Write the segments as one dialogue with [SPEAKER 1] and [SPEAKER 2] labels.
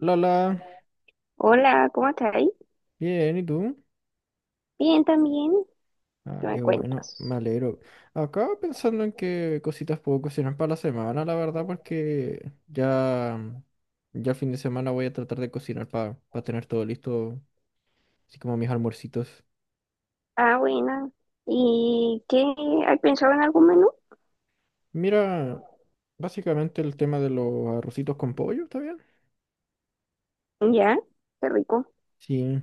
[SPEAKER 1] Lala,
[SPEAKER 2] Hola, ¿cómo estás ahí?
[SPEAKER 1] bien, ¿y tú?
[SPEAKER 2] Bien, también.
[SPEAKER 1] Ah,
[SPEAKER 2] ¿Qué
[SPEAKER 1] qué
[SPEAKER 2] me
[SPEAKER 1] bueno,
[SPEAKER 2] cuentas?
[SPEAKER 1] me alegro. Acá pensando en qué cositas puedo cocinar para la semana, la verdad, porque ya, ya el fin de semana voy a tratar de cocinar para tener todo listo, así como mis almuercitos.
[SPEAKER 2] Ah, buena. ¿Y qué? ¿Has pensado en algún menú?
[SPEAKER 1] Mira, básicamente el tema de los arrocitos con pollo, ¿está bien?
[SPEAKER 2] Ya, qué rico.
[SPEAKER 1] Sí,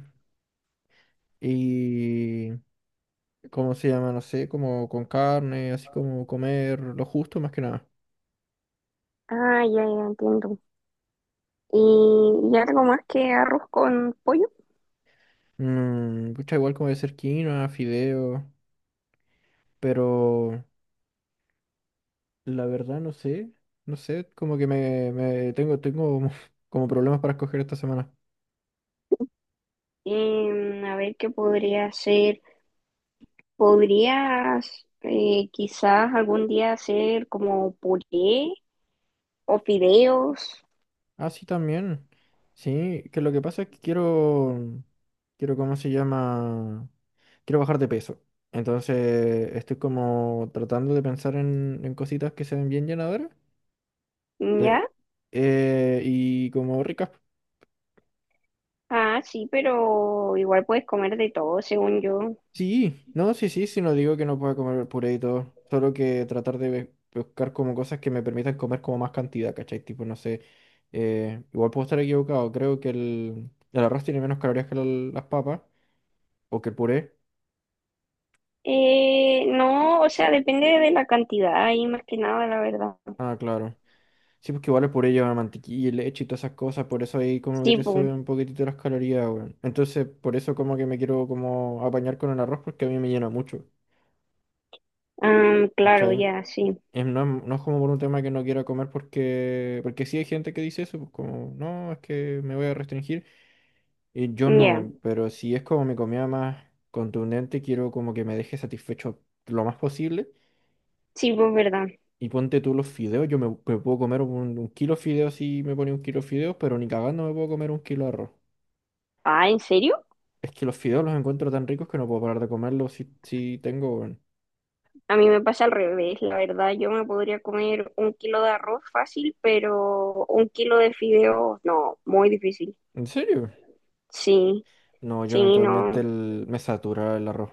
[SPEAKER 1] y ¿cómo se llama? No sé, como con carne, así como comer lo justo más que nada.
[SPEAKER 2] Ah, ya, ya entiendo. ¿Y, y algo más que arroz con pollo?
[SPEAKER 1] Igual como de ser quinoa, fideo. Pero la verdad no sé, no sé, como que me tengo, como problemas para escoger esta semana.
[SPEAKER 2] A ver qué podría hacer. ¿Podrías quizás algún día hacer como puré o fideos?
[SPEAKER 1] Ah, sí, también. Sí, que lo que pasa es que quiero, quiero, ¿cómo se llama? Quiero bajar de peso. Entonces estoy como tratando de pensar en cositas que se ven bien llenadoras
[SPEAKER 2] ¿Ya?
[SPEAKER 1] eh, y como ricas.
[SPEAKER 2] Ah, sí, pero igual puedes comer de todo, según yo.
[SPEAKER 1] Sí, no, sí, sí, sí, no digo que no pueda comer puré y todo, solo que tratar de buscar como cosas que me permitan comer como más cantidad, ¿cachai? Tipo, no sé, igual puedo estar equivocado, creo que el arroz tiene menos calorías que la- las papas, o que el puré.
[SPEAKER 2] No, o sea, depende de la cantidad ahí más que nada, la verdad.
[SPEAKER 1] Ah, claro. Sí, pues que igual el puré lleva mantequilla y leche y todas esas cosas, por eso ahí como que
[SPEAKER 2] Sí,
[SPEAKER 1] te
[SPEAKER 2] pues,
[SPEAKER 1] suben un poquitito las calorías, weón. Entonces, por eso como que me quiero como apañar con el arroz porque a mí me llena mucho,
[SPEAKER 2] ah, claro,
[SPEAKER 1] ¿cachai?
[SPEAKER 2] ya, sí,
[SPEAKER 1] No, es- no es como por un tema que no quiera comer porque, porque sí hay gente que dice eso, pues como, no, es que me voy a restringir. Y yo
[SPEAKER 2] ya,
[SPEAKER 1] no, pero si es como mi comida más contundente, quiero como que me deje satisfecho lo más posible.
[SPEAKER 2] sí, pues, verdad.
[SPEAKER 1] Y ponte tú los fideos, yo me puedo comer un kilo de fideos si me pone un kilo de fideos, pero ni cagando me puedo comer un kilo de arroz.
[SPEAKER 2] Ah, ¿en serio?
[SPEAKER 1] Es que los fideos los encuentro tan ricos que no puedo parar de comerlos si, si tengo, weón.
[SPEAKER 2] A mí me pasa al revés, la verdad, yo me podría comer un kilo de arroz fácil, pero un kilo de fideo, no, muy difícil.
[SPEAKER 1] ¿En serio?
[SPEAKER 2] Sí,
[SPEAKER 1] No, yo
[SPEAKER 2] sí,
[SPEAKER 1] eventualmente
[SPEAKER 2] no,
[SPEAKER 1] el- me satura el arroz.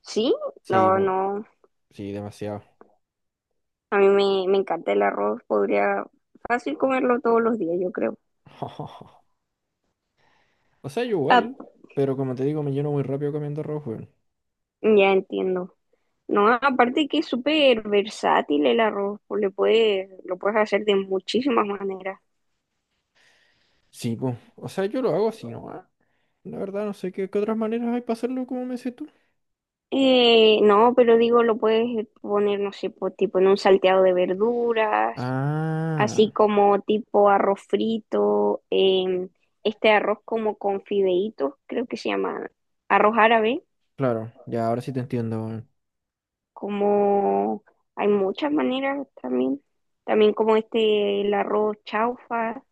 [SPEAKER 2] sí,
[SPEAKER 1] Sí,
[SPEAKER 2] no,
[SPEAKER 1] mu-
[SPEAKER 2] no,
[SPEAKER 1] sí, demasiado.
[SPEAKER 2] a mí me encanta el arroz, podría fácil comerlo todos los días, yo creo.
[SPEAKER 1] O sea, yo
[SPEAKER 2] Ah,
[SPEAKER 1] igual, pero como te digo, me lleno muy rápido cambiando rojo, weón.
[SPEAKER 2] ya entiendo. No, aparte que es súper versátil el arroz, pues le puedes, lo puedes hacer de muchísimas maneras.
[SPEAKER 1] Sí, pues. O sea, yo lo hago así nomás. La verdad, no sé qué, qué otras maneras hay para hacerlo como me dices tú.
[SPEAKER 2] No, pero digo, lo puedes poner, no sé, pues, tipo en un salteado de verduras,
[SPEAKER 1] Ah,
[SPEAKER 2] así como tipo arroz frito, em, este arroz como con fideitos, creo que se llama arroz árabe,
[SPEAKER 1] claro, ya ahora sí te entiendo, weón.
[SPEAKER 2] como hay muchas maneras también, también como este, el arroz chaufa,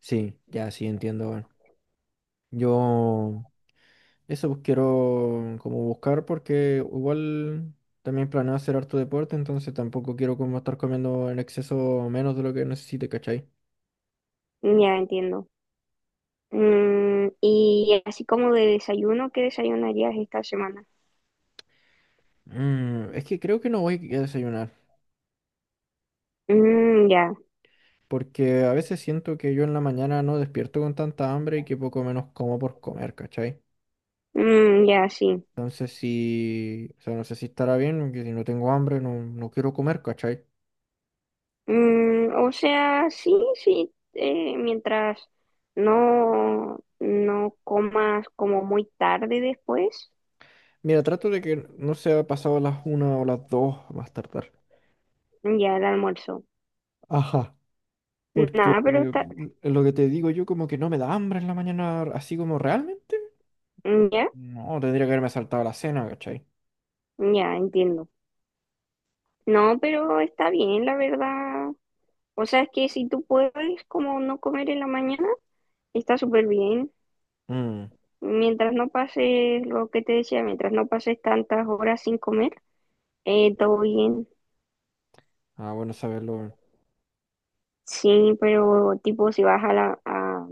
[SPEAKER 1] Sí, ya sí entiendo, weón. Yo eso pues, quiero como buscar porque igual también planeo hacer harto deporte, entonces tampoco quiero como estar comiendo en exceso menos de lo que necesite, ¿cachai?
[SPEAKER 2] ya entiendo. Mm, y así como de desayuno, ¿qué desayunarías esta semana?
[SPEAKER 1] Mm, es que creo que no voy a desayunar.
[SPEAKER 2] Mm, ya.
[SPEAKER 1] Porque a veces siento que yo en la mañana no despierto con tanta hambre y que poco menos como por comer, ¿cachai?
[SPEAKER 2] Mm, ya, sí.
[SPEAKER 1] Entonces si, o sea, no sé si estará bien, porque si no tengo hambre no, no quiero comer, ¿cachai?
[SPEAKER 2] Mm, o sea, sí, sí, mientras no comas como muy tarde después,
[SPEAKER 1] Mira, trato de que no sea pasado las una o las dos más tardar.
[SPEAKER 2] ya el almuerzo.
[SPEAKER 1] Ajá, porque
[SPEAKER 2] Nada, pero está,
[SPEAKER 1] lo que te digo yo como que no me da hambre en la mañana, así como realmente.
[SPEAKER 2] mm, ya,
[SPEAKER 1] No, tendría que haberme saltado la cena, ¿cachai?
[SPEAKER 2] ya, entiendo. No, pero está bien, la verdad. O sea, es que si tú puedes como no comer en la mañana, está súper bien.
[SPEAKER 1] Mm.
[SPEAKER 2] Mientras no pases lo que te decía, mientras no pases tantas horas sin comer, todo bien.
[SPEAKER 1] Ah, bueno saberlo. Weón.
[SPEAKER 2] Sí, pero tipo si vas a la, a-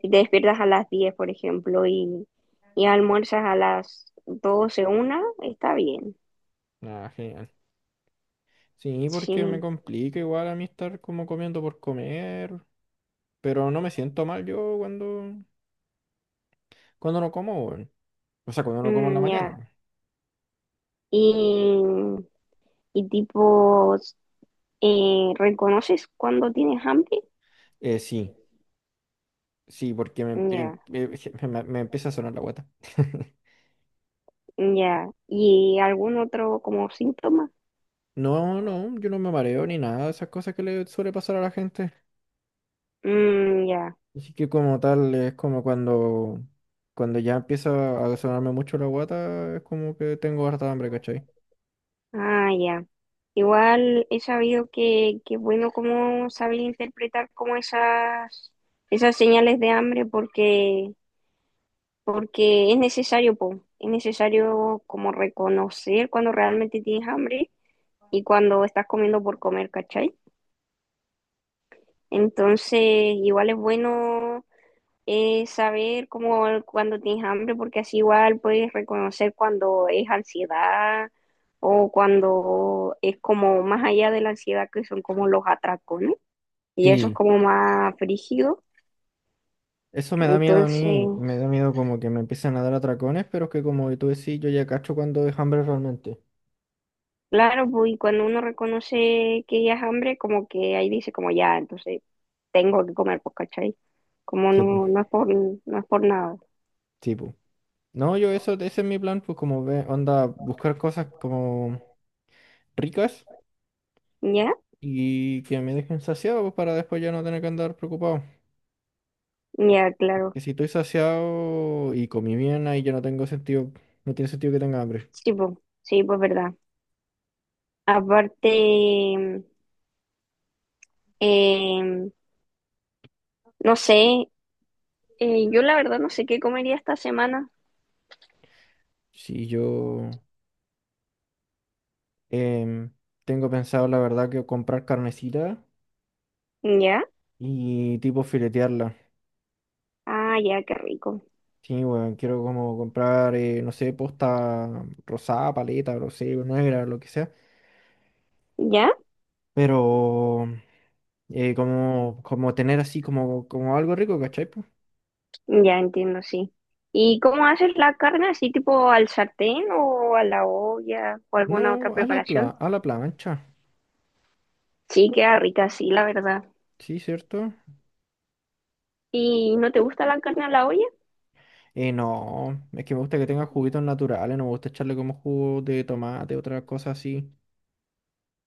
[SPEAKER 2] si te despiertas a las 10 por ejemplo, y almuerzas a las doce una, está bien.
[SPEAKER 1] Ah, genial. Sí, porque me
[SPEAKER 2] Sí,
[SPEAKER 1] complica igual a mí estar como comiendo por comer. Pero no me siento mal yo cuando, cuando no como, weón. O sea, cuando no como en la
[SPEAKER 2] mm,
[SPEAKER 1] mañana,
[SPEAKER 2] ya.
[SPEAKER 1] pues.
[SPEAKER 2] Y, y tipo, ¿reconoces cuando tienes hambre?
[SPEAKER 1] Sí, sí, porque me, empie-
[SPEAKER 2] Ya,
[SPEAKER 1] me empieza a sonar la guata.
[SPEAKER 2] ya. ¿Y algún otro como síntoma?
[SPEAKER 1] No, no, yo no me mareo ni nada de esas cosas que le suele pasar a la gente.
[SPEAKER 2] Mm, ya.
[SPEAKER 1] Así que como tal, es como cuando, cuando ya empieza a sonarme mucho la guata, es como que tengo harta hambre, ¿cachai?
[SPEAKER 2] Ah, ya. Igual he sabido que es bueno como saber interpretar como esas, esas señales de hambre porque, porque es necesario, po. Es necesario como reconocer cuando realmente tienes hambre y cuando estás comiendo por comer, ¿cachai? Entonces, igual es bueno. Saber cómo cuando tienes hambre, porque así igual puedes reconocer cuando es ansiedad o cuando es como más allá de la ansiedad que son como los atracones y eso es
[SPEAKER 1] Sí,
[SPEAKER 2] como más frígido.
[SPEAKER 1] eso me da miedo a
[SPEAKER 2] Entonces,
[SPEAKER 1] mí, me da miedo como que me empiecen a dar atracones, pero es que como tú decís, yo ya cacho cuando es hambre realmente.
[SPEAKER 2] claro, pues y cuando uno reconoce que ya es hambre, como que ahí dice como ya, entonces tengo que comer, pues, ¿cachai? Como
[SPEAKER 1] Sí,
[SPEAKER 2] no, no es por, no es por nada.
[SPEAKER 1] pues. No, yo eso, ese es mi plan, pues como ve, onda, buscar cosas como ricas
[SPEAKER 2] ¿Ya?
[SPEAKER 1] y que me dejen saciado, pues para después ya no tener que andar preocupado.
[SPEAKER 2] Ya, claro.
[SPEAKER 1] Que si estoy saciado y comí bien, ahí ya no tengo sentido, no tiene sentido que tenga hambre.
[SPEAKER 2] Sí, pues, sí, pues verdad. Aparte, Em, no sé, yo la verdad no sé qué comería esta semana.
[SPEAKER 1] Si yo em, tengo pensado, la verdad, que comprar carnecita
[SPEAKER 2] ¿Ya?
[SPEAKER 1] y tipo filetearla.
[SPEAKER 2] Ah, ya, qué rico.
[SPEAKER 1] Sí, bueno, quiero como comprar, no sé, posta rosada, paleta, no sé, negra, lo que sea.
[SPEAKER 2] ¿Ya?
[SPEAKER 1] Pero como, como tener así como, como algo rico, ¿cachai? Po?
[SPEAKER 2] Ya entiendo, sí. ¿Y cómo haces la carne? ¿Así tipo al sartén o a la olla o
[SPEAKER 1] No,
[SPEAKER 2] alguna otra
[SPEAKER 1] a la pla-
[SPEAKER 2] preparación?
[SPEAKER 1] a la plancha,
[SPEAKER 2] Sí, queda rica, sí, la verdad.
[SPEAKER 1] sí, ¿cierto?
[SPEAKER 2] ¿Y no te gusta la carne a la olla?
[SPEAKER 1] No, es que me gusta que tenga juguitos naturales, no me gusta echarle como jugo de tomate, otras cosas así.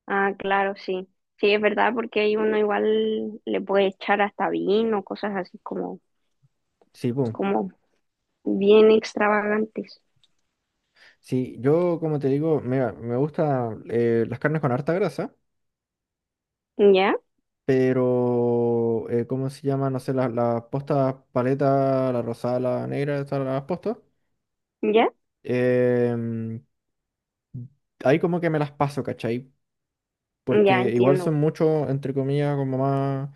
[SPEAKER 2] Ah, claro, sí. Sí, es verdad, porque ahí uno igual le puede echar hasta vino, cosas así como,
[SPEAKER 1] Sí, pum.
[SPEAKER 2] como bien extravagantes.
[SPEAKER 1] Sí, yo como te digo, me gusta las carnes con harta grasa,
[SPEAKER 2] ¿Ya?
[SPEAKER 1] pero ¿cómo se llama? No sé, las postas paleta, la rosada, la negra, esas las postas.
[SPEAKER 2] ¿Ya?
[SPEAKER 1] em, Ahí como que me las paso, ¿cachai?
[SPEAKER 2] Ya
[SPEAKER 1] Porque igual
[SPEAKER 2] entiendo.
[SPEAKER 1] son mucho entre comillas, como más,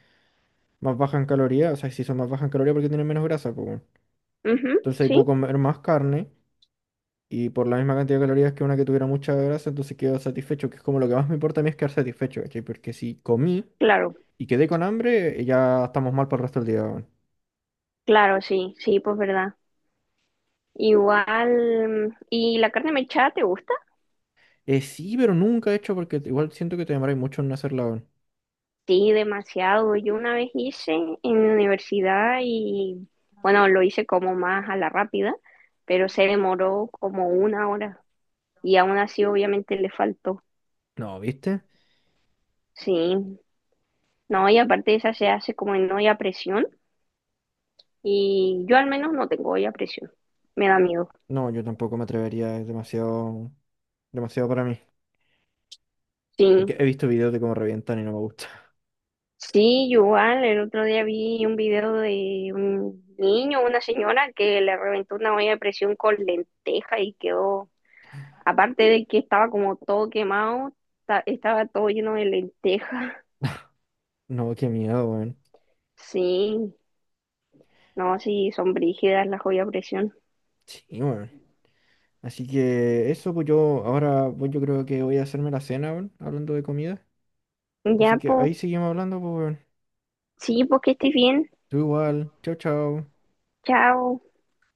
[SPEAKER 1] más baja en calorías, o sea, si son más bajas en calorías porque tienen menos grasa, pues bueno.
[SPEAKER 2] Ujú,
[SPEAKER 1] Entonces ahí
[SPEAKER 2] sí,
[SPEAKER 1] puedo comer más carne y por la misma cantidad de calorías que una que tuviera mucha grasa, entonces quedo satisfecho, que es como lo que más me importa a mí es quedar satisfecho, ¿cachai? Porque si comí
[SPEAKER 2] claro,
[SPEAKER 1] y quedé con hambre, ya estamos mal para el resto del día, weón.
[SPEAKER 2] claro, sí, sí, pues verdad. Igual, mm, ¿y la carne mechada te gusta?
[SPEAKER 1] Sí, pero nunca he hecho porque igual siento que te demoráis mucho en hacerla, weón.
[SPEAKER 2] Sí, demasiado. Yo una vez hice en la universidad y, bueno, lo hice como más a la rápida, pero se demoró como una hora y aún así obviamente le faltó.
[SPEAKER 1] No, ¿viste?
[SPEAKER 2] Sí, no, y aparte esa se hace como en olla a presión y yo al menos no tengo olla a presión, me da miedo.
[SPEAKER 1] No, yo tampoco me atrevería, es demasiado, demasiado para mí.
[SPEAKER 2] Sí,
[SPEAKER 1] Porque he visto videos de cómo revientan y no me gusta.
[SPEAKER 2] sí, igual, el otro día vi un video de un niño, una señora que le reventó una olla de presión con lenteja y quedó, aparte de que estaba como todo quemado, ta- estaba todo lleno de lenteja.
[SPEAKER 1] No, qué miedo, weón.
[SPEAKER 2] Sí, no, sí, son brígidas las ollas de presión.
[SPEAKER 1] Sí, weón. Así que eso, pues yo ahora, pues yo creo que voy a hacerme la cena, weón, hablando de comida. Así
[SPEAKER 2] Ya,
[SPEAKER 1] que
[SPEAKER 2] pues,
[SPEAKER 1] ahí seguimos hablando, pues, weón.
[SPEAKER 2] sí, pues que estés bien.
[SPEAKER 1] Tú igual. Chao, chao.
[SPEAKER 2] Chao.